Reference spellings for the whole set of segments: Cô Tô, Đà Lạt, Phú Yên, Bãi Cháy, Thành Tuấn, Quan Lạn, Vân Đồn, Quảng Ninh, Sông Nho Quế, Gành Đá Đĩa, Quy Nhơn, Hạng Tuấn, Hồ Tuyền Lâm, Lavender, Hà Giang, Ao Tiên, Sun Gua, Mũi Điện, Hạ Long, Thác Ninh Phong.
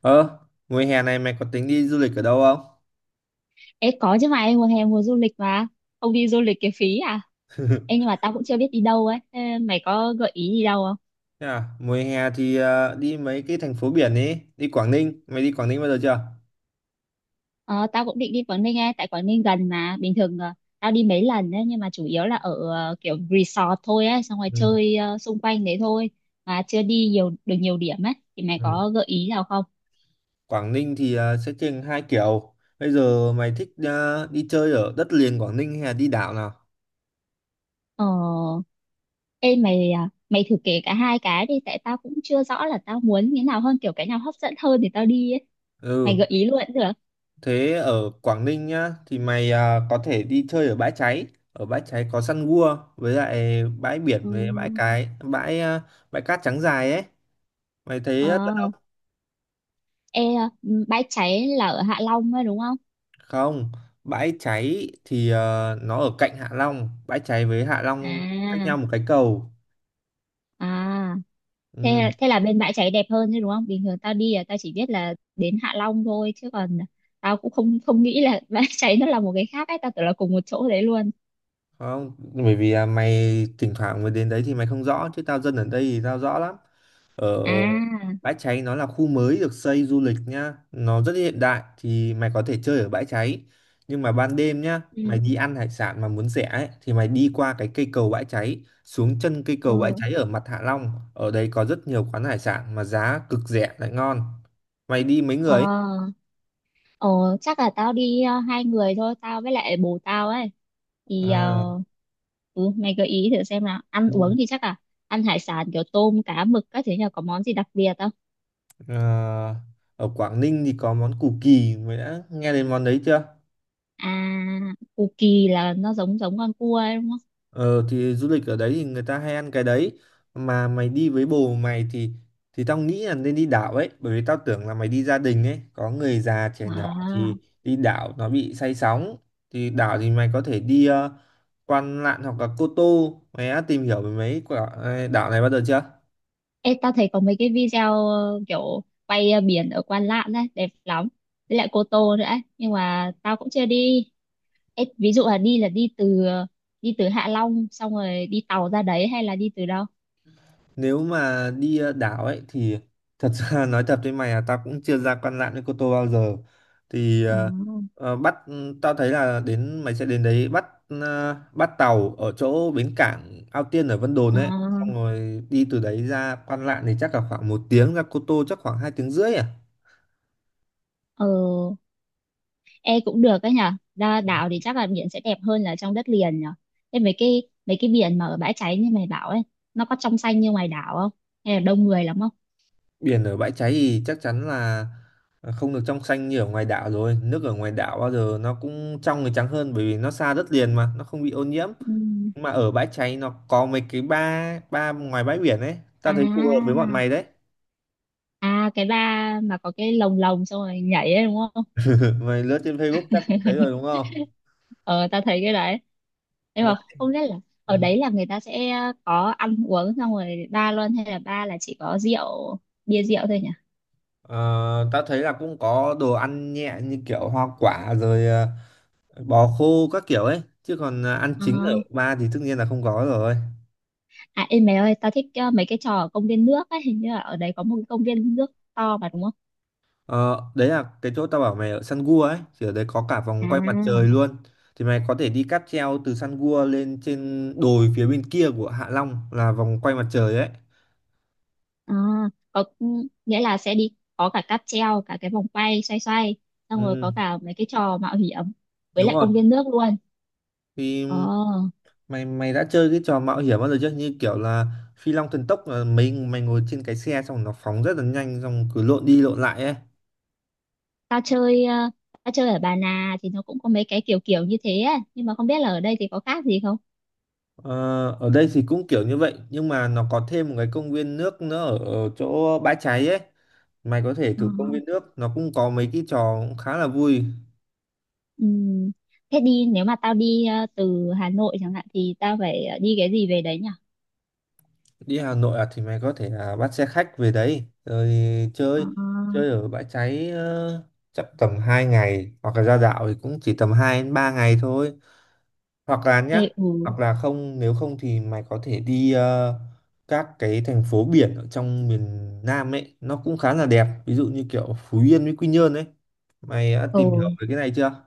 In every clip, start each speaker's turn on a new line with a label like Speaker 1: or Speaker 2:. Speaker 1: Ờ, mùa hè này mày có tính đi du lịch ở đâu không?
Speaker 2: Ê, có chứ mà em, mùa hè mùa du lịch mà. Không đi du lịch cái phí à. Em, nhưng mà tao cũng chưa biết đi đâu ấy. Ê, mày có gợi ý gì đâu không?
Speaker 1: Thế à? Mùa hè thì đi mấy cái thành phố biển ấy, đi Quảng Ninh. Mày đi Quảng Ninh bao giờ chưa?
Speaker 2: Ờ, tao cũng định đi Quảng Ninh ấy. Tại Quảng Ninh gần mà. Bình thường tao đi mấy lần ấy. Nhưng mà chủ yếu là ở kiểu resort thôi ấy. Xong rồi
Speaker 1: Ừ.
Speaker 2: chơi xung quanh đấy thôi. Mà chưa đi nhiều được nhiều điểm ấy. Thì mày
Speaker 1: Ừ.
Speaker 2: có gợi ý nào không?
Speaker 1: Quảng Ninh thì sẽ trên hai kiểu. Bây giờ mày thích đi chơi ở đất liền Quảng Ninh hay là đi đảo nào?
Speaker 2: Ờ. Ê mày à, mày thử kể cả hai cái đi. Tại tao cũng chưa rõ là tao muốn như nào hơn. Kiểu cái nào hấp dẫn hơn thì tao đi ấy. Mày
Speaker 1: Ừ,
Speaker 2: gợi ý luôn cũng được.
Speaker 1: thế ở Quảng Ninh nhá thì mày có thể đi chơi ở Bãi Cháy. Ở Bãi Cháy có săn gua với lại bãi biển
Speaker 2: Ừ.
Speaker 1: với cái bãi cát trắng dài ấy. Mày thấy rất
Speaker 2: Ờ. Ê, ừ, bãi cháy là ở Hạ Long ấy đúng không?
Speaker 1: không, bãi cháy thì nó ở cạnh Hạ Long, bãi cháy với Hạ Long, ừ, cách
Speaker 2: À,
Speaker 1: nhau một cái cầu.
Speaker 2: à, thế
Speaker 1: Ừ,
Speaker 2: thế là bên bãi cháy đẹp hơn chứ đúng không? Bình thường tao đi là tao chỉ biết là đến Hạ Long thôi, chứ còn tao cũng không không nghĩ là bãi cháy nó là một cái khác ấy, tao tưởng là cùng một chỗ đấy luôn.
Speaker 1: không, bởi vì à, mày thỉnh thoảng mới đến đấy thì mày không rõ, chứ tao dân ở đây thì tao rõ lắm. Ở
Speaker 2: À,
Speaker 1: bãi cháy nó là khu mới được xây du lịch nhá, nó rất hiện đại, thì mày có thể chơi ở bãi cháy. Nhưng mà ban đêm nhá, mày
Speaker 2: ừ,
Speaker 1: đi ăn hải sản mà muốn rẻ ấy, thì mày đi qua cái cây cầu bãi cháy, xuống chân cây cầu bãi
Speaker 2: ừ.
Speaker 1: cháy ở mặt Hạ Long, ở đấy có rất nhiều quán hải sản mà giá cực rẻ lại ngon. Mày đi mấy người
Speaker 2: Ờ,
Speaker 1: ấy?
Speaker 2: ờ, chắc là tao đi hai người thôi, tao với lại bồ tao ấy. Thì
Speaker 1: À,
Speaker 2: ừ, mày gợi ý thử xem nào. Ăn uống
Speaker 1: ừ,
Speaker 2: thì chắc là ăn hải sản kiểu tôm, cá, mực các thứ nhờ, có món gì đặc biệt không?
Speaker 1: à, ở Quảng Ninh thì có món củ kỳ, mày đã nghe đến món đấy chưa?
Speaker 2: À, cù kỳ là nó giống giống con cua ấy đúng không?
Speaker 1: Ờ thì du lịch ở đấy thì người ta hay ăn cái đấy, mà mày đi với bồ mày thì tao nghĩ là nên đi đảo ấy, bởi vì tao tưởng là mày đi gia đình ấy, có người già trẻ nhỏ
Speaker 2: À,
Speaker 1: thì đi đảo nó bị say sóng. Thì đảo thì mày có thể đi Quan Lạn hoặc là Cô Tô. Mày đã tìm hiểu về mấy quả đảo này bao giờ chưa?
Speaker 2: ê, tao thấy có mấy cái video kiểu quay biển ở Quan Lạn đấy, đẹp lắm. Với lại Cô Tô nữa ấy. Nhưng mà tao cũng chưa đi. Ê, ví dụ là đi từ ờ, đi từ Hạ Long xong rồi đi tàu ra đấy, hay là đi từ đâu?
Speaker 1: Nếu mà đi đảo ấy thì thật ra nói thật với mày là tao cũng chưa ra Quan Lạn với Cô Tô bao giờ. Thì
Speaker 2: À,
Speaker 1: ờ, tao thấy là mày sẽ đến đấy bắt tàu ở chỗ bến cảng Ao Tiên ở Vân Đồn ấy,
Speaker 2: à,
Speaker 1: xong rồi đi từ đấy ra Quan Lạn thì chắc là khoảng một tiếng, ra Cô Tô chắc khoảng hai tiếng rưỡi à.
Speaker 2: ờ, ê cũng được đấy nhở. Ra đảo thì chắc là biển sẽ đẹp hơn là trong đất liền nhở. Thế mấy cái biển mà ở bãi cháy như mày bảo ấy, nó có trong xanh như ngoài đảo không? Hay là đông người lắm không?
Speaker 1: Biển ở bãi cháy thì chắc chắn là không được trong xanh như ở ngoài đảo rồi. Nước ở ngoài đảo bao giờ nó cũng trong thì trắng hơn, bởi vì nó xa đất liền mà, nó không bị ô nhiễm.
Speaker 2: Ừ.
Speaker 1: Nhưng mà ở bãi cháy nó có mấy cái ba ba ngoài bãi biển ấy, tao thấy phù hợp với
Speaker 2: À,
Speaker 1: bọn mày đấy.
Speaker 2: à, cái ba mà có cái lồng lồng xong rồi nhảy ấy đúng không?
Speaker 1: Mày lướt trên Facebook chắc cũng thấy rồi đúng không?
Speaker 2: Ờ, tao thấy cái đấy, nhưng
Speaker 1: Dạ.
Speaker 2: mà không biết là
Speaker 1: Ừ.
Speaker 2: ở đấy là người ta sẽ có ăn uống xong rồi ba luôn, hay là ba là chỉ có bia rượu thôi nhỉ.
Speaker 1: Ờ, tao thấy là cũng có đồ ăn nhẹ như kiểu hoa quả rồi bò khô các kiểu ấy, chứ còn ăn
Speaker 2: Ờ.
Speaker 1: chính ở ba thì tất nhiên là không có rồi.
Speaker 2: À, ê mày ơi, tao thích mấy cái trò ở công viên nước ấy, hình như là ở đấy có một cái công viên nước to mà đúng không
Speaker 1: Ờ, đấy là cái chỗ tao bảo mày ở Sun Gua ấy, thì ở đấy có cả vòng quay mặt trời
Speaker 2: à?
Speaker 1: luôn. Thì mày có thể đi cáp treo từ Sun Gua lên trên đồi phía bên kia của Hạ Long là vòng quay mặt trời ấy.
Speaker 2: À, có, ừ, nghĩa là sẽ đi có cả cáp treo, cả cái vòng quay xoay xoay, xong rồi
Speaker 1: Ừ.
Speaker 2: có cả mấy cái trò mạo hiểm với
Speaker 1: Đúng
Speaker 2: lại
Speaker 1: rồi.
Speaker 2: công viên nước luôn. ờ
Speaker 1: Thì mày mày đã chơi cái trò mạo hiểm bao giờ chưa, như kiểu là phi long thần tốc là mấy mày ngồi trên cái xe xong nó phóng rất là nhanh, xong cứ lộn đi lộn lại ấy.
Speaker 2: tao chơi ờ, Tao chơi ở Bà Nà thì nó cũng có mấy cái kiểu kiểu như thế á, nhưng mà không biết là ở đây thì có khác gì không.
Speaker 1: ờ, ở đây thì cũng kiểu như vậy, nhưng mà nó có thêm một cái công viên nước nữa ở, ở chỗ bãi cháy ấy. Mày có thể
Speaker 2: Ờ.
Speaker 1: thử công viên nước, nó cũng có mấy cái trò cũng khá là vui.
Speaker 2: Ừm. Thế nếu mà tao đi từ Hà Nội chẳng hạn thì tao phải đi cái gì về đấy nhỉ?
Speaker 1: Đi Hà Nội à? Thì mày có thể là bắt xe khách về đấy rồi
Speaker 2: Ờ.
Speaker 1: chơi, chơi ở bãi cháy chắc tầm 2 ngày, hoặc là ra đảo thì cũng chỉ tầm 2 đến 3 ngày thôi. Hoặc là nhá,
Speaker 2: Ê, ừ,
Speaker 1: hoặc là không, nếu không thì mày có thể đi các cái thành phố biển ở trong miền Nam ấy, nó cũng khá là đẹp, ví dụ như kiểu Phú Yên với Quy Nhơn ấy. Mày đã tìm hiểu
Speaker 2: ừ.
Speaker 1: về cái này chưa?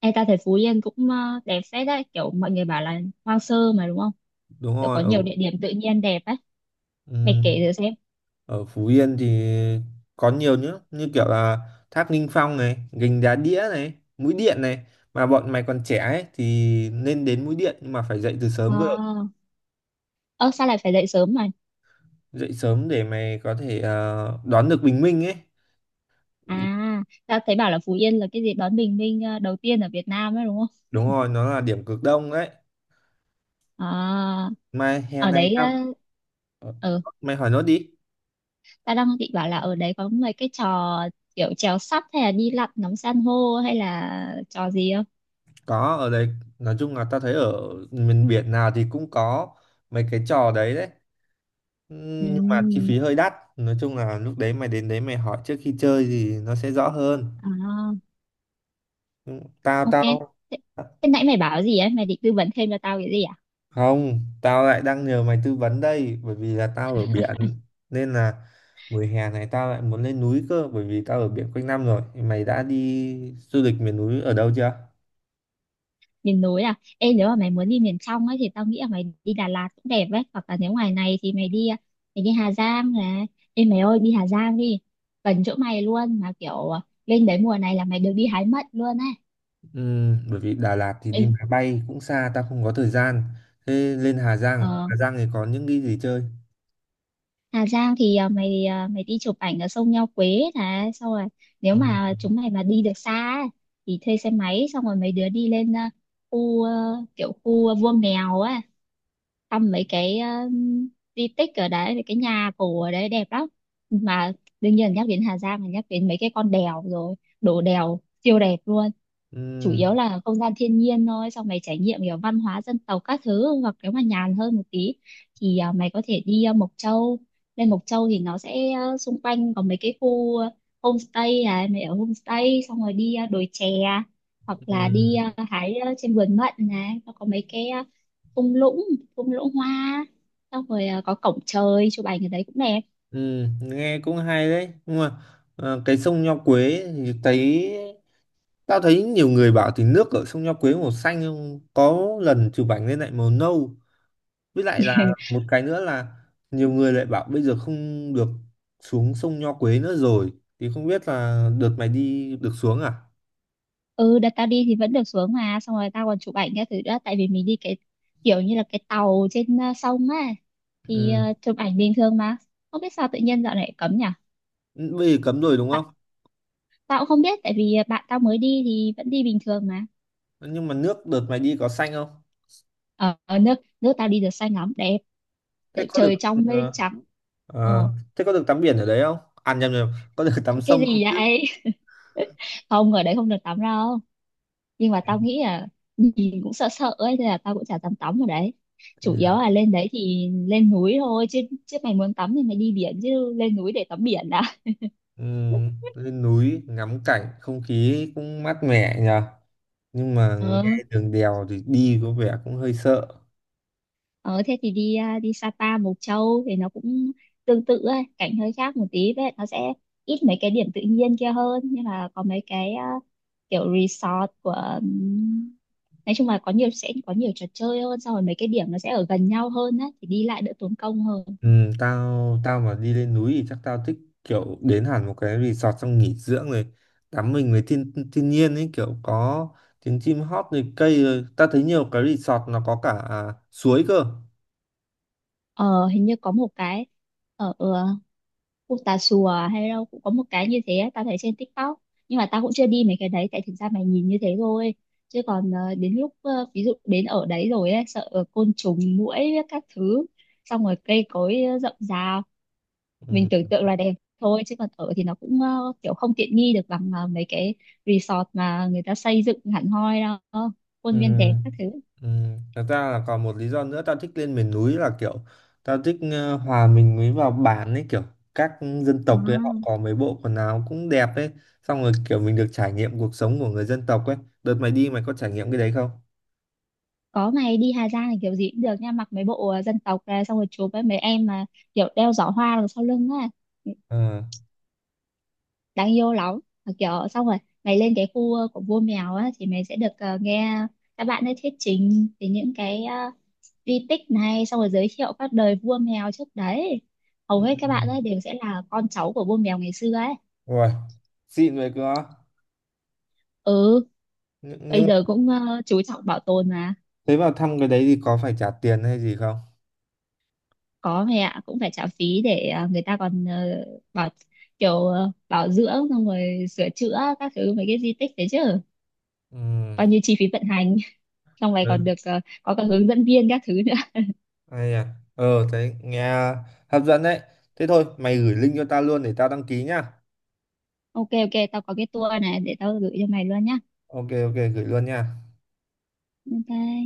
Speaker 2: Ê, tao thấy Phú Yên cũng đẹp phết đấy, kiểu mọi người bảo là hoang sơ mà đúng không,
Speaker 1: Đúng
Speaker 2: kiểu có
Speaker 1: rồi. Ở
Speaker 2: nhiều địa điểm tự nhiên đẹp á. Mày kể thử
Speaker 1: ừm,
Speaker 2: xem.
Speaker 1: ở Phú Yên thì có nhiều nữa, như kiểu là Thác Ninh Phong này, Gành Đá Đĩa này, Mũi Điện này. Mà bọn mày còn trẻ ấy thì nên đến Mũi Điện, nhưng mà phải dậy từ
Speaker 2: Ờ,
Speaker 1: sớm cơ.
Speaker 2: ơ sao lại phải dậy sớm mày?
Speaker 1: Dậy sớm để mày có thể đón được bình minh ấy.
Speaker 2: À, tao thấy bảo là Phú Yên là cái gì đón bình minh đầu tiên ở Việt Nam ấy đúng không?
Speaker 1: Đúng rồi, nó là điểm cực đông đấy.
Speaker 2: À,
Speaker 1: Mai hè
Speaker 2: ở
Speaker 1: này
Speaker 2: đấy
Speaker 1: tao ờ,
Speaker 2: ừ,
Speaker 1: mày hỏi nốt đi.
Speaker 2: tao đang định bảo là ở đấy có mấy cái trò kiểu trèo sắp hay là đi lặn ngắm san hô hay là trò gì không?
Speaker 1: Có, ở đấy, nói chung là tao thấy ở miền biển nào thì cũng có mấy cái trò đấy đấy. Nhưng mà chi
Speaker 2: Ừ,
Speaker 1: phí hơi đắt. Nói chung là lúc đấy mày đến đấy mày hỏi trước khi chơi thì nó sẽ rõ hơn.
Speaker 2: à,
Speaker 1: Tao
Speaker 2: ok.
Speaker 1: tao
Speaker 2: Thế, nãy mày bảo gì ấy? Mày định tư vấn thêm cho tao cái gì à?
Speaker 1: không, tao lại đang nhờ mày tư vấn đây, bởi vì là tao ở biển nên là mùa hè này tao lại muốn lên núi cơ, bởi vì tao ở biển quanh năm rồi. Mày đã đi du lịch miền núi ở đâu chưa?
Speaker 2: Miền núi à? Ê, nếu mà mày muốn đi miền trong ấy thì tao nghĩ là mày đi Đà Lạt cũng đẹp ấy, hoặc là nếu ngoài này thì mày đi Hà Giang này. Ê mày ơi, đi Hà Giang đi, gần chỗ mày luôn mà, kiểu lên đấy mùa này là mày được đi hái mận luôn ấy.
Speaker 1: Ừ, bởi vì Đà Lạt thì
Speaker 2: Ê,
Speaker 1: đi máy bay cũng xa, tao không có thời gian. Thế lên Hà Giang à?
Speaker 2: ờ,
Speaker 1: Hà Giang thì có những cái gì chơi?
Speaker 2: Hà Giang thì mày đi chụp ảnh ở sông Nho Quế này, xong rồi nếu
Speaker 1: Ờ.
Speaker 2: mà chúng mày mà đi được xa ấy, thì thuê xe máy xong rồi mấy đứa đi lên khu kiểu khu Vua Mèo ấy, thăm mấy cái di tích ở đấy, mấy cái nhà cổ ở đấy đẹp lắm. Mà đương nhiên nhắc đến Hà Giang là nhắc đến mấy cái con đèo rồi, đổ đèo siêu đẹp luôn.
Speaker 1: Ừ.
Speaker 2: Chủ yếu là không gian thiên nhiên thôi, xong mày trải nghiệm kiểu văn hóa dân tộc các thứ. Hoặc nếu mà nhàn hơn một tí thì mày có thể đi Mộc Châu. Lên Mộc Châu thì nó sẽ xung quanh có mấy cái khu homestay này, mày ở homestay xong rồi đi đồi chè, hoặc
Speaker 1: Ừ.
Speaker 2: là đi hái trên vườn mận này, nó có mấy cái thung lũng thung lũng hoa, xong rồi có cổng trời chụp ảnh ở đấy cũng đẹp.
Speaker 1: Ừ, nghe cũng hay đấy, nhưng mà cái sông Nho Quế thì thấy tao thấy nhiều người bảo thì nước ở sông Nho Quế màu xanh, nhưng có lần chụp ảnh lên lại màu nâu. Với lại là một cái nữa là nhiều người lại bảo bây giờ không được xuống sông Nho Quế nữa rồi, thì không biết là đợt mày đi được xuống à.
Speaker 2: Ừ, đợt tao đi thì vẫn được xuống mà, xong rồi tao còn chụp ảnh các thứ nữa, tại vì mình đi cái kiểu như là cái tàu trên sông á, thì
Speaker 1: Ừ,
Speaker 2: chụp ảnh bình thường mà. Không biết sao tự nhiên dạo này cấm nhỉ.
Speaker 1: bây giờ cấm rồi đúng
Speaker 2: Tại-
Speaker 1: không?
Speaker 2: Tao cũng không biết, tại vì bạn tao mới đi thì vẫn đi bình thường mà.
Speaker 1: Nhưng mà nước đợt mày đi có xanh không?
Speaker 2: Ở, ở nước nước tao đi được xanh lắm, đẹp,
Speaker 1: thế
Speaker 2: kiểu
Speaker 1: có được
Speaker 2: trời trong mây
Speaker 1: ờ,
Speaker 2: trắng. Ờ,
Speaker 1: ờ, thế có được tắm biển ở đấy không? À nhầm, nhầm, có được tắm
Speaker 2: cái
Speaker 1: sông không
Speaker 2: gì
Speaker 1: chứ.
Speaker 2: vậy? Không, ở đấy không được tắm đâu, nhưng mà tao nghĩ là nhìn cũng sợ sợ ấy, nên là tao cũng chả dám tắm ở đấy.
Speaker 1: Thế
Speaker 2: Chủ yếu
Speaker 1: à?
Speaker 2: là lên đấy thì lên núi thôi chứ. Chứ mày muốn tắm thì mày đi biển, chứ lên núi để tắm biển đã.
Speaker 1: Lên núi ngắm cảnh không khí cũng mát mẻ nhờ. Nhưng mà nghe
Speaker 2: Ờ,
Speaker 1: đường đèo thì đi có vẻ cũng hơi sợ.
Speaker 2: ờ, thế thì đi Sapa, Mộc Châu thì nó cũng tương tự ấy, cảnh hơi khác một tí. Vậy nó sẽ ít mấy cái điểm tự nhiên kia hơn, nhưng mà có mấy cái kiểu resort của nói chung là có nhiều sẽ có nhiều trò chơi hơn, xong rồi mấy cái điểm nó sẽ ở gần nhau hơn á, thì đi lại đỡ tốn công hơn.
Speaker 1: Ừ, tao tao mà đi lên núi thì chắc tao thích kiểu đến hẳn một cái resort xong nghỉ dưỡng rồi tắm mình với thiên thiên nhiên ấy, kiểu có tiếng chim hót rồi cây rồi, tao thấy nhiều cái resort nó có cả à, suối cơ.
Speaker 2: Ờ, hình như có một cái ở khu Tà Xùa hay đâu cũng có một cái như thế á, tao thấy trên TikTok. Nhưng mà tao cũng chưa đi mấy cái đấy, tại thực ra mày nhìn như thế thôi, chứ còn đến lúc ví dụ đến ở đấy rồi ấy, sợ côn trùng muỗi các thứ, xong rồi cây cối rậm rạp. Mình
Speaker 1: Ừ.
Speaker 2: tưởng tượng là đẹp thôi, chứ còn ở thì nó cũng kiểu không tiện nghi được bằng mấy cái resort mà người ta xây dựng hẳn hoi đâu,
Speaker 1: Ừ.
Speaker 2: khuôn viên đẹp các thứ.
Speaker 1: Ừ. Thật ra là còn một lý do nữa tao thích lên miền núi là kiểu tao thích hòa mình mới vào bản ấy, kiểu các dân tộc ấy họ
Speaker 2: À.
Speaker 1: có mấy bộ quần áo cũng đẹp ấy, xong rồi kiểu mình được trải nghiệm cuộc sống của người dân tộc ấy. Đợt mày đi mày có trải nghiệm cái đấy không?
Speaker 2: Có, mày đi Hà Giang thì kiểu gì cũng được nha, mặc mấy bộ dân tộc ra, xong rồi chụp với mấy em mà kiểu đeo giỏ hoa đằng sau lưng á,
Speaker 1: Ờ.
Speaker 2: đáng yêu lắm. Mà kiểu xong rồi mày lên cái khu của vua mèo á, thì mày sẽ được nghe các bạn ấy thuyết trình về những cái di tích này, xong rồi giới thiệu các đời vua mèo trước đấy. Hầu
Speaker 1: Ừ.
Speaker 2: hết các bạn ấy đều sẽ là con cháu của vua mèo ngày xưa ấy.
Speaker 1: Ui, xịn vậy cơ á.
Speaker 2: Ừ,
Speaker 1: Nhưng
Speaker 2: bây
Speaker 1: mà
Speaker 2: giờ cũng chú trọng bảo tồn.
Speaker 1: thế vào thăm cái đấy thì có phải trả tiền hay gì không?
Speaker 2: Có mẹ ạ, cũng phải trả phí để người ta còn bảo kiểu bảo dưỡng xong rồi sửa chữa các thứ mấy cái di tích đấy chứ,
Speaker 1: Ừ.
Speaker 2: coi như chi phí vận hành. Xong này
Speaker 1: Ừ.
Speaker 2: còn được có cả hướng dẫn viên các thứ nữa.
Speaker 1: Hay à? Ờ, thấy nghe hấp dẫn đấy. Thế thôi mày gửi link cho tao luôn để tao đăng ký nhá.
Speaker 2: Ok ok, tao có cái tour này để tao gửi cho mày luôn nhá.
Speaker 1: OK, OK, gửi luôn nha.
Speaker 2: Ok.